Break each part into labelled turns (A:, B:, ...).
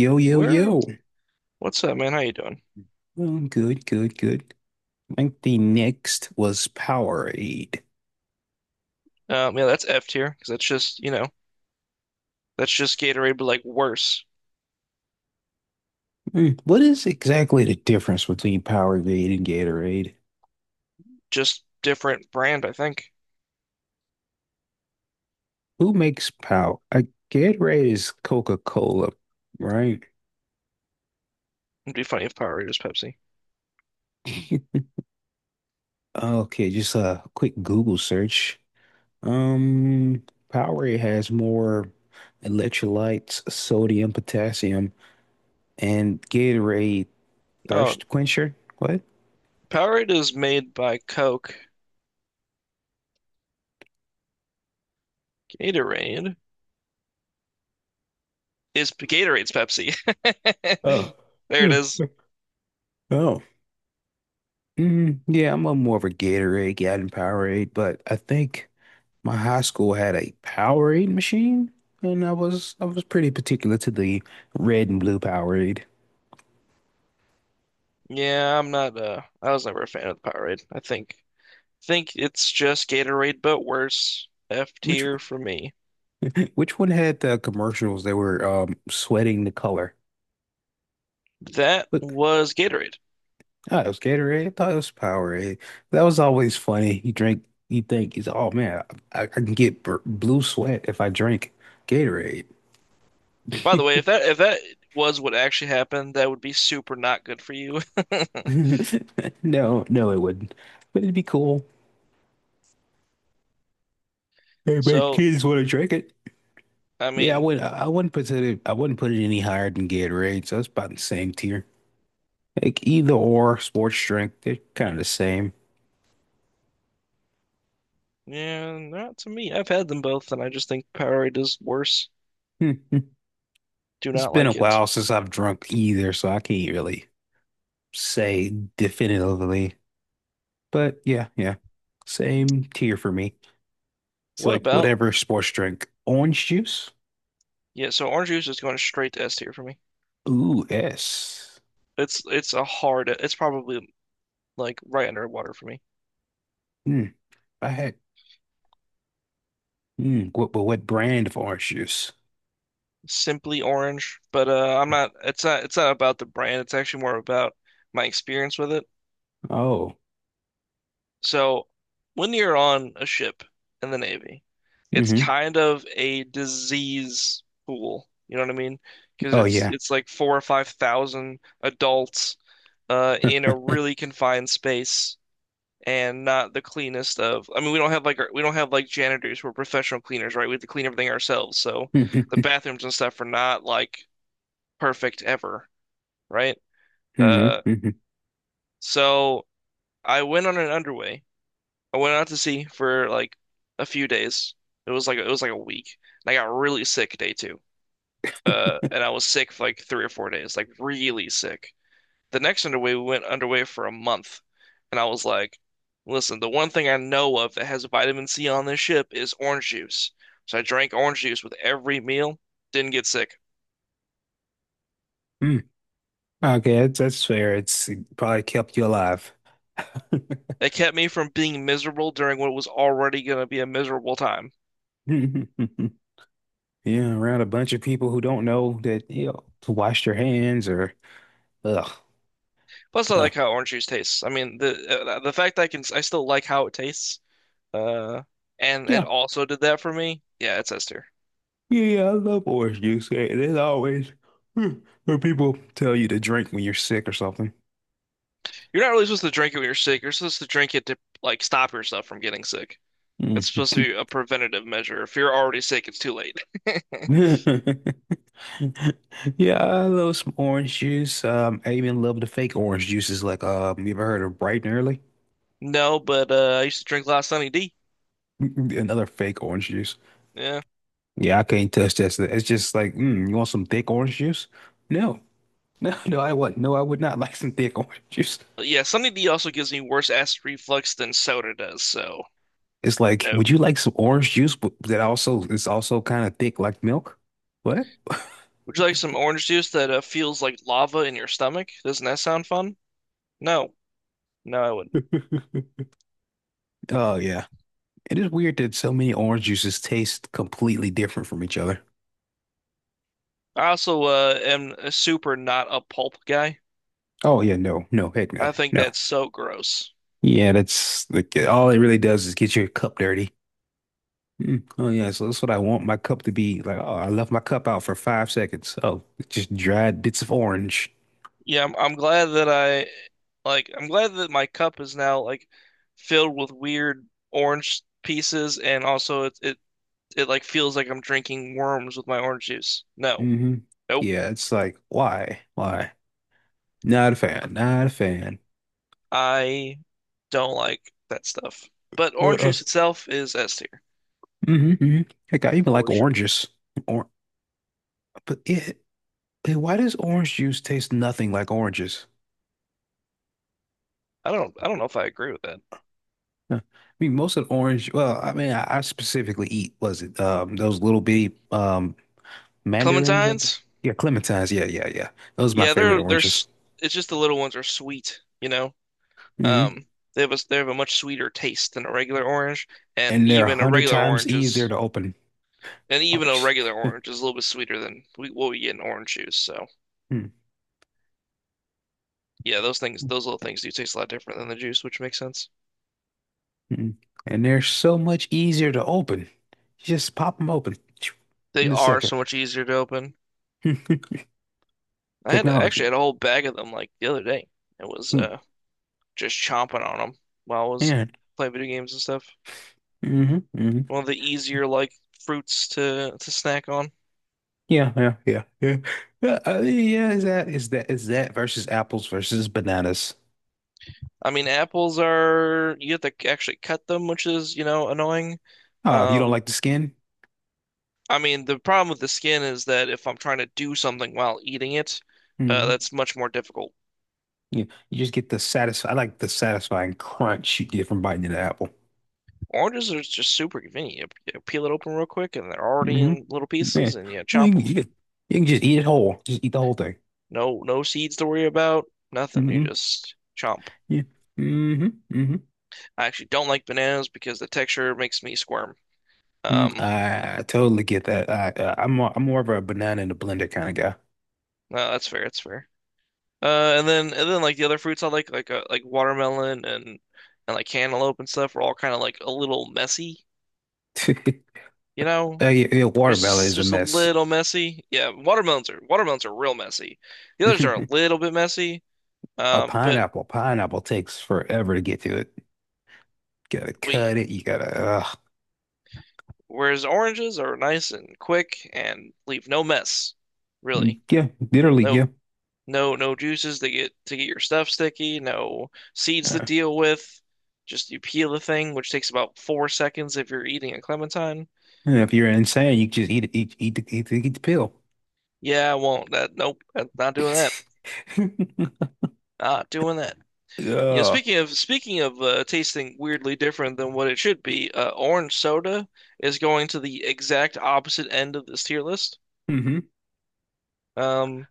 A: Yo, yo,
B: Where?
A: yo.
B: What's up, man? How you doing?
A: Good, good, good. I think the next was Powerade.
B: Yeah, that's F tier because that's just that's just Gatorade, but like worse.
A: What is exactly the difference between Powerade and Gatorade?
B: Just different brand. I think
A: Who makes Power? Gatorade is Coca-Cola, right?
B: it'd be funny if Powerade was Pepsi.
A: Okay, just a quick Google search. Um, Powerade has more electrolytes, sodium, potassium, and Gatorade
B: Oh,
A: thirst quencher. What?
B: Powerade is made by Coke. Gatorade is Gatorade's Pepsi.
A: Oh.
B: There it is.
A: Oh, yeah, I'm a more of a Gatorade than Powerade, but I think my high school had a Powerade machine, and I was pretty particular to the red and blue Powerade.
B: Yeah, I'm not. I was never a fan of the Powerade. I think it's just Gatorade, but worse. F
A: Which
B: tier for me.
A: which one had the commercials that were sweating the color?
B: That
A: But
B: was Gatorade.
A: I thought it was Gatorade. I thought it was Powerade. That was always funny. You drink, you think, you say, oh man, I can get b blue sweat if I drink Gatorade.
B: By the way, if that if that was what actually happened, that would be super not good for you.
A: No, no, it wouldn't. But it'd be cool. They make
B: So,
A: kids want to drink it.
B: I
A: Yeah, I
B: mean,
A: would. I wouldn't put it. I wouldn't put it any higher than Gatorade. So it's about the same tier. Like either or sports drink, they're kind of the same.
B: yeah, not to me. I've had them both, and I just think Powerade is worse.
A: Hmm, hmm.
B: Do
A: It's
B: not
A: been a
B: like it.
A: while since I've drunk either, so I can't really say definitively. But yeah, yeah, same tier for me. It's
B: What
A: like
B: about?
A: whatever sports drink. Orange juice?
B: Yeah, so orange juice is going straight to S tier for me.
A: Ooh, yes.
B: It's a hard. It's probably like right under water for me.
A: Hmm. I had. Hmm. What? But what brand of orange juice?
B: Simply orange, but I'm not. It's not. It's not about the brand. It's actually more about my experience with it.
A: Oh.
B: So, when you're on a ship in the Navy, it's
A: Mm-hmm.
B: kind of a disease pool. You know what I mean? Because
A: Oh
B: it's
A: yeah.
B: it's like four or five thousand adults in a really confined space and not the cleanest of. I mean, we don't have like janitors who are professional cleaners, right? We have to clean everything ourselves. So the bathrooms and stuff are not like perfect ever, right?
A: hmm
B: Uh,
A: hmm
B: so I went on an underway I went out to sea for like a few days. It was like a week. And I got really sick day 2. And I was sick for like 3 or 4 days, like really sick. The next underway, we went underway for a month, and I was like, "Listen, the one thing I know of that has vitamin C on this ship is orange juice." So I drank orange juice with every meal. Didn't get sick.
A: Mm. Okay, that's fair. It probably kept you alive.
B: It kept me from being miserable during what was already going to be a miserable time.
A: Yeah, around a bunch of people who don't know that, you know, to wash their hands or ugh.
B: Plus, I
A: Uh,
B: like how orange juice tastes. I mean, the fact that I still like how it tastes. Uh, and it
A: yeah.
B: also did that for me. Yeah, it's ester.
A: Yeah, yeah, I love orange juice. Hey, there's always mm, where people tell you to drink when you're sick or something.
B: You're not really supposed to drink it when you're sick. You're supposed to drink it to like stop yourself from getting sick. It's
A: Mm.
B: supposed to be a preventative measure. If you're already sick, it's too late.
A: Yeah, I love some orange juice. I even love the fake orange juices like you ever heard of Bright and Early?
B: No, but I used to drink a lot of Sunny D.
A: Another fake orange juice.
B: Yeah,
A: Yeah, I can't touch that. Stuff. It's just like, mm, you want some thick orange juice? No, no, no, no, I would not like some thick orange juice.
B: but yeah, Sunny D also gives me worse acid reflux than soda does. So
A: It's like,
B: no.
A: would you like some orange juice, but that also is also kind of thick like milk? What?
B: Would you like some orange juice that feels like lava in your stomach? Doesn't that sound fun? No, no, I wouldn't.
A: Oh yeah, it is weird that so many orange juices taste completely different from each other.
B: I also am a super not a pulp guy.
A: Oh yeah, no, no, heck no,
B: I think
A: no.
B: that's so gross.
A: Yeah, that's like all it really does is get your cup dirty. Mm. Oh yeah, so that's what I want my cup to be. Like, oh, I left my cup out for 5 seconds. Oh, it's just dried bits of orange.
B: Yeah, I'm glad that I'm glad that my cup is now like filled with weird orange pieces, and also it like feels like I'm drinking worms with my orange juice. No.
A: Hmm
B: Nope.
A: Yeah, it's like, why? Why? Not a fan. Not a fan.
B: I don't like that stuff. But orange
A: Uh-uh.
B: juice itself is S tier
A: hmm hmm Heck, I even like
B: for sure.
A: oranges. Or but it, it- why does orange juice taste nothing like oranges?
B: I don't know if I agree with that.
A: Huh. I mean, most of the orange. Well, I mean, I specifically eat was it those little bitty mandarins at the
B: Clementines?
A: yeah clementines. Yeah, yeah, yeah. Those are my
B: Yeah,
A: favorite oranges.
B: it's just the little ones are sweet, you know.
A: Mm-hmm.
B: Um they have a much sweeter taste than a regular orange, and
A: And they're a
B: even a
A: hundred
B: regular
A: times
B: orange
A: easier
B: is
A: to open.
B: And even a regular orange is a little bit sweeter than what we get in orange juice. So
A: Hmm,
B: yeah, those little things do taste a lot different than the juice, which makes sense.
A: hmm. And they're so much easier to open. You just pop them open
B: They
A: in a
B: are
A: second.
B: so much easier to open. Actually had
A: Technology.
B: a whole bag of them like the other day. It was
A: Hmm.
B: just chomping on them while I was
A: Yeah.
B: playing video games and stuff.
A: hmm hmm
B: One of the easier like fruits to snack on.
A: Yeah, yeah, yeah, yeah. Yeah, is that versus apples versus bananas?
B: I mean, apples are you have to actually cut them, which is, annoying.
A: Oh, if you don't
B: Um,
A: like the skin,
B: I mean, the problem with the skin is that if I'm trying to do something while eating it,
A: hmm
B: that's much more difficult.
A: Yeah, you just get the satisfy. I like the satisfying crunch you get from biting into the apple.
B: Oranges are just super convenient. You peel it open real quick, and they're already
A: Hmm
B: in little
A: Yeah.
B: pieces, and you
A: I
B: chomp
A: mean,
B: them.
A: you can just eat it whole. Just eat the whole thing.
B: No, no seeds to worry about. Nothing. You
A: Hmm
B: just chomp.
A: Yeah. hmm hmm
B: I actually don't like bananas because the texture makes me squirm.
A: Mm,
B: Um,
A: I totally get that. I, I'm more of a banana in a blender kind of
B: no, that's fair. That's fair. And then like the other fruits I like watermelon and like cantaloupe and stuff, are all kind of like a little messy,
A: guy.
B: you know?
A: Yeah, yeah,
B: There's
A: watermelon
B: just,
A: is a
B: just a
A: mess.
B: little messy. Yeah, watermelons are real messy. The others are a little bit messy.
A: A
B: But
A: pineapple takes forever to get to it. Gotta cut
B: we
A: it. You gotta,
B: Whereas oranges are nice and quick and leave no mess, really.
A: yeah, literally,
B: No
A: yeah.
B: no juices to get your stuff sticky, no seeds to
A: Uh,
B: deal with. Just you peel the thing, which takes about 4 seconds if you're eating a clementine.
A: and if you're insane, you just eat it, eat, eat the, eat the, eat the pill.
B: Yeah, I won't. That nope, I'm not doing that. Not doing that. You know,
A: Uh,
B: speaking of tasting weirdly different than what it should be, orange soda is going to the exact opposite end of this tier list.
A: mhm.
B: Um,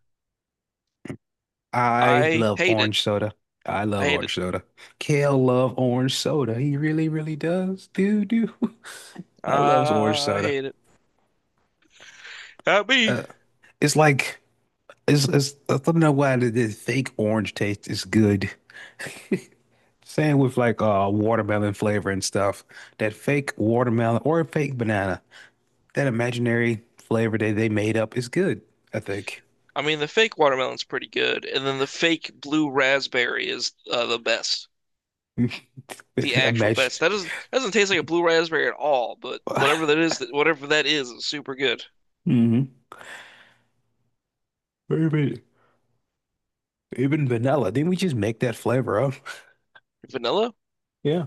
A: I
B: I
A: love
B: hate it.
A: orange soda. I
B: I
A: love
B: hate it.
A: orange soda. Kale love orange soda. He really, really does. Dude, dude. I loves orange
B: I
A: soda.
B: hate it. Not me.
A: Uh, it's like it's I don't know why the fake orange taste is good. Same with like watermelon flavor and stuff. That fake watermelon or fake banana. That imaginary flavor that they made up is good, I think.
B: I mean, the fake watermelon's pretty good, and then the fake blue raspberry is the best, the actual
A: Imagine.
B: best. That doesn't taste like a blue raspberry at all, but whatever that is super good.
A: Mm-hmm. Even vanilla. Didn't we just make that flavor up?
B: Vanilla?
A: Yeah.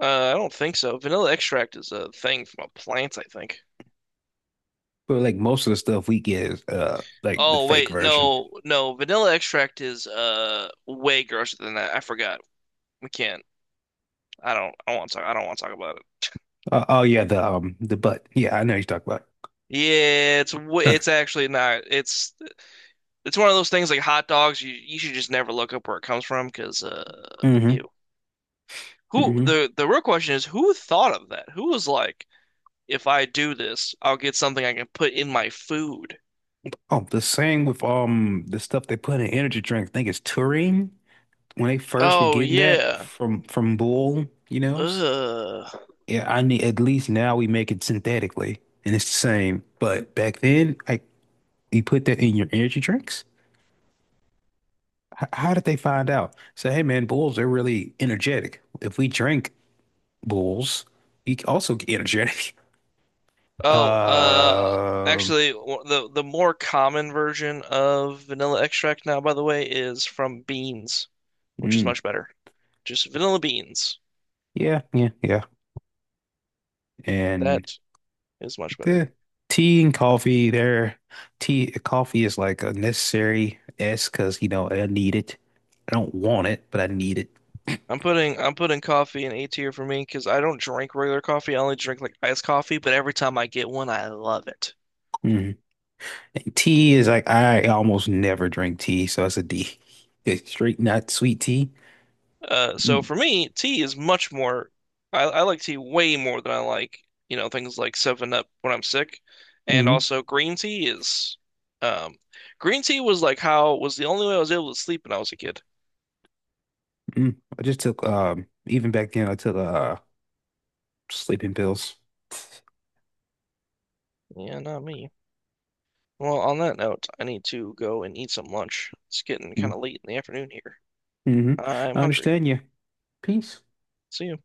B: I don't think so. Vanilla extract is a thing from a plant, I think.
A: But like most of the stuff we get is like the
B: Oh
A: fake
B: wait,
A: version.
B: no, no. Vanilla extract is way grosser than that. I forgot. We can't. I don't. I want to talk. I don't want to talk about it.
A: Oh yeah, the butt. Yeah, I know you talk about.
B: Yeah, it's actually not. It's one of those things like hot dogs. You should just never look up where it comes from because
A: Hmm
B: ew. Who
A: hmm
B: the real question is who thought of that? Who was like, if I do this, I'll get something I can put in my food.
A: Oh, the same with the stuff they put in energy drinks. I think it's taurine. When they first were
B: Oh
A: getting that
B: yeah.
A: from Bull, you know.
B: Ugh.
A: Yeah, I need at least now we make it synthetically and it's the same. But back then, like you put that in your energy drinks. How did they find out? Say, hey man, Bulls, they're really energetic. If we drink Bulls. He also energetic.
B: Oh,
A: Uh,
B: actually, the more common version of vanilla extract now, by the way, is from beans, which is
A: mm,
B: much better. Just vanilla beans.
A: yeah, yeah, yeah. And
B: That is much better.
A: the tea and coffee there. Tea, coffee is like a necessary S because you know I need it. I don't want it, but I need it.
B: I'm putting coffee in A tier for me because I don't drink regular coffee. I only drink like iced coffee, but every time I get one, I love it.
A: Mhm. And tea is like I almost never drink tea, so it's a D. It's straight, not sweet tea.
B: So
A: Mm.
B: for me, tea is much more. I like tea way more than I like, things like 7 Up when I'm sick, and
A: hmm
B: also green tea is. Um, Green tea was like how was the only way I was able to sleep when I was a kid.
A: Mm. I just took even back then I took sleeping pills.
B: Yeah, not me. Well, on that note, I need to go and eat some lunch. It's getting
A: Mm-hmm.
B: kind of late in the afternoon here.
A: Mm-hmm.
B: I'm
A: I
B: hungry.
A: understand you. Peace.
B: See you.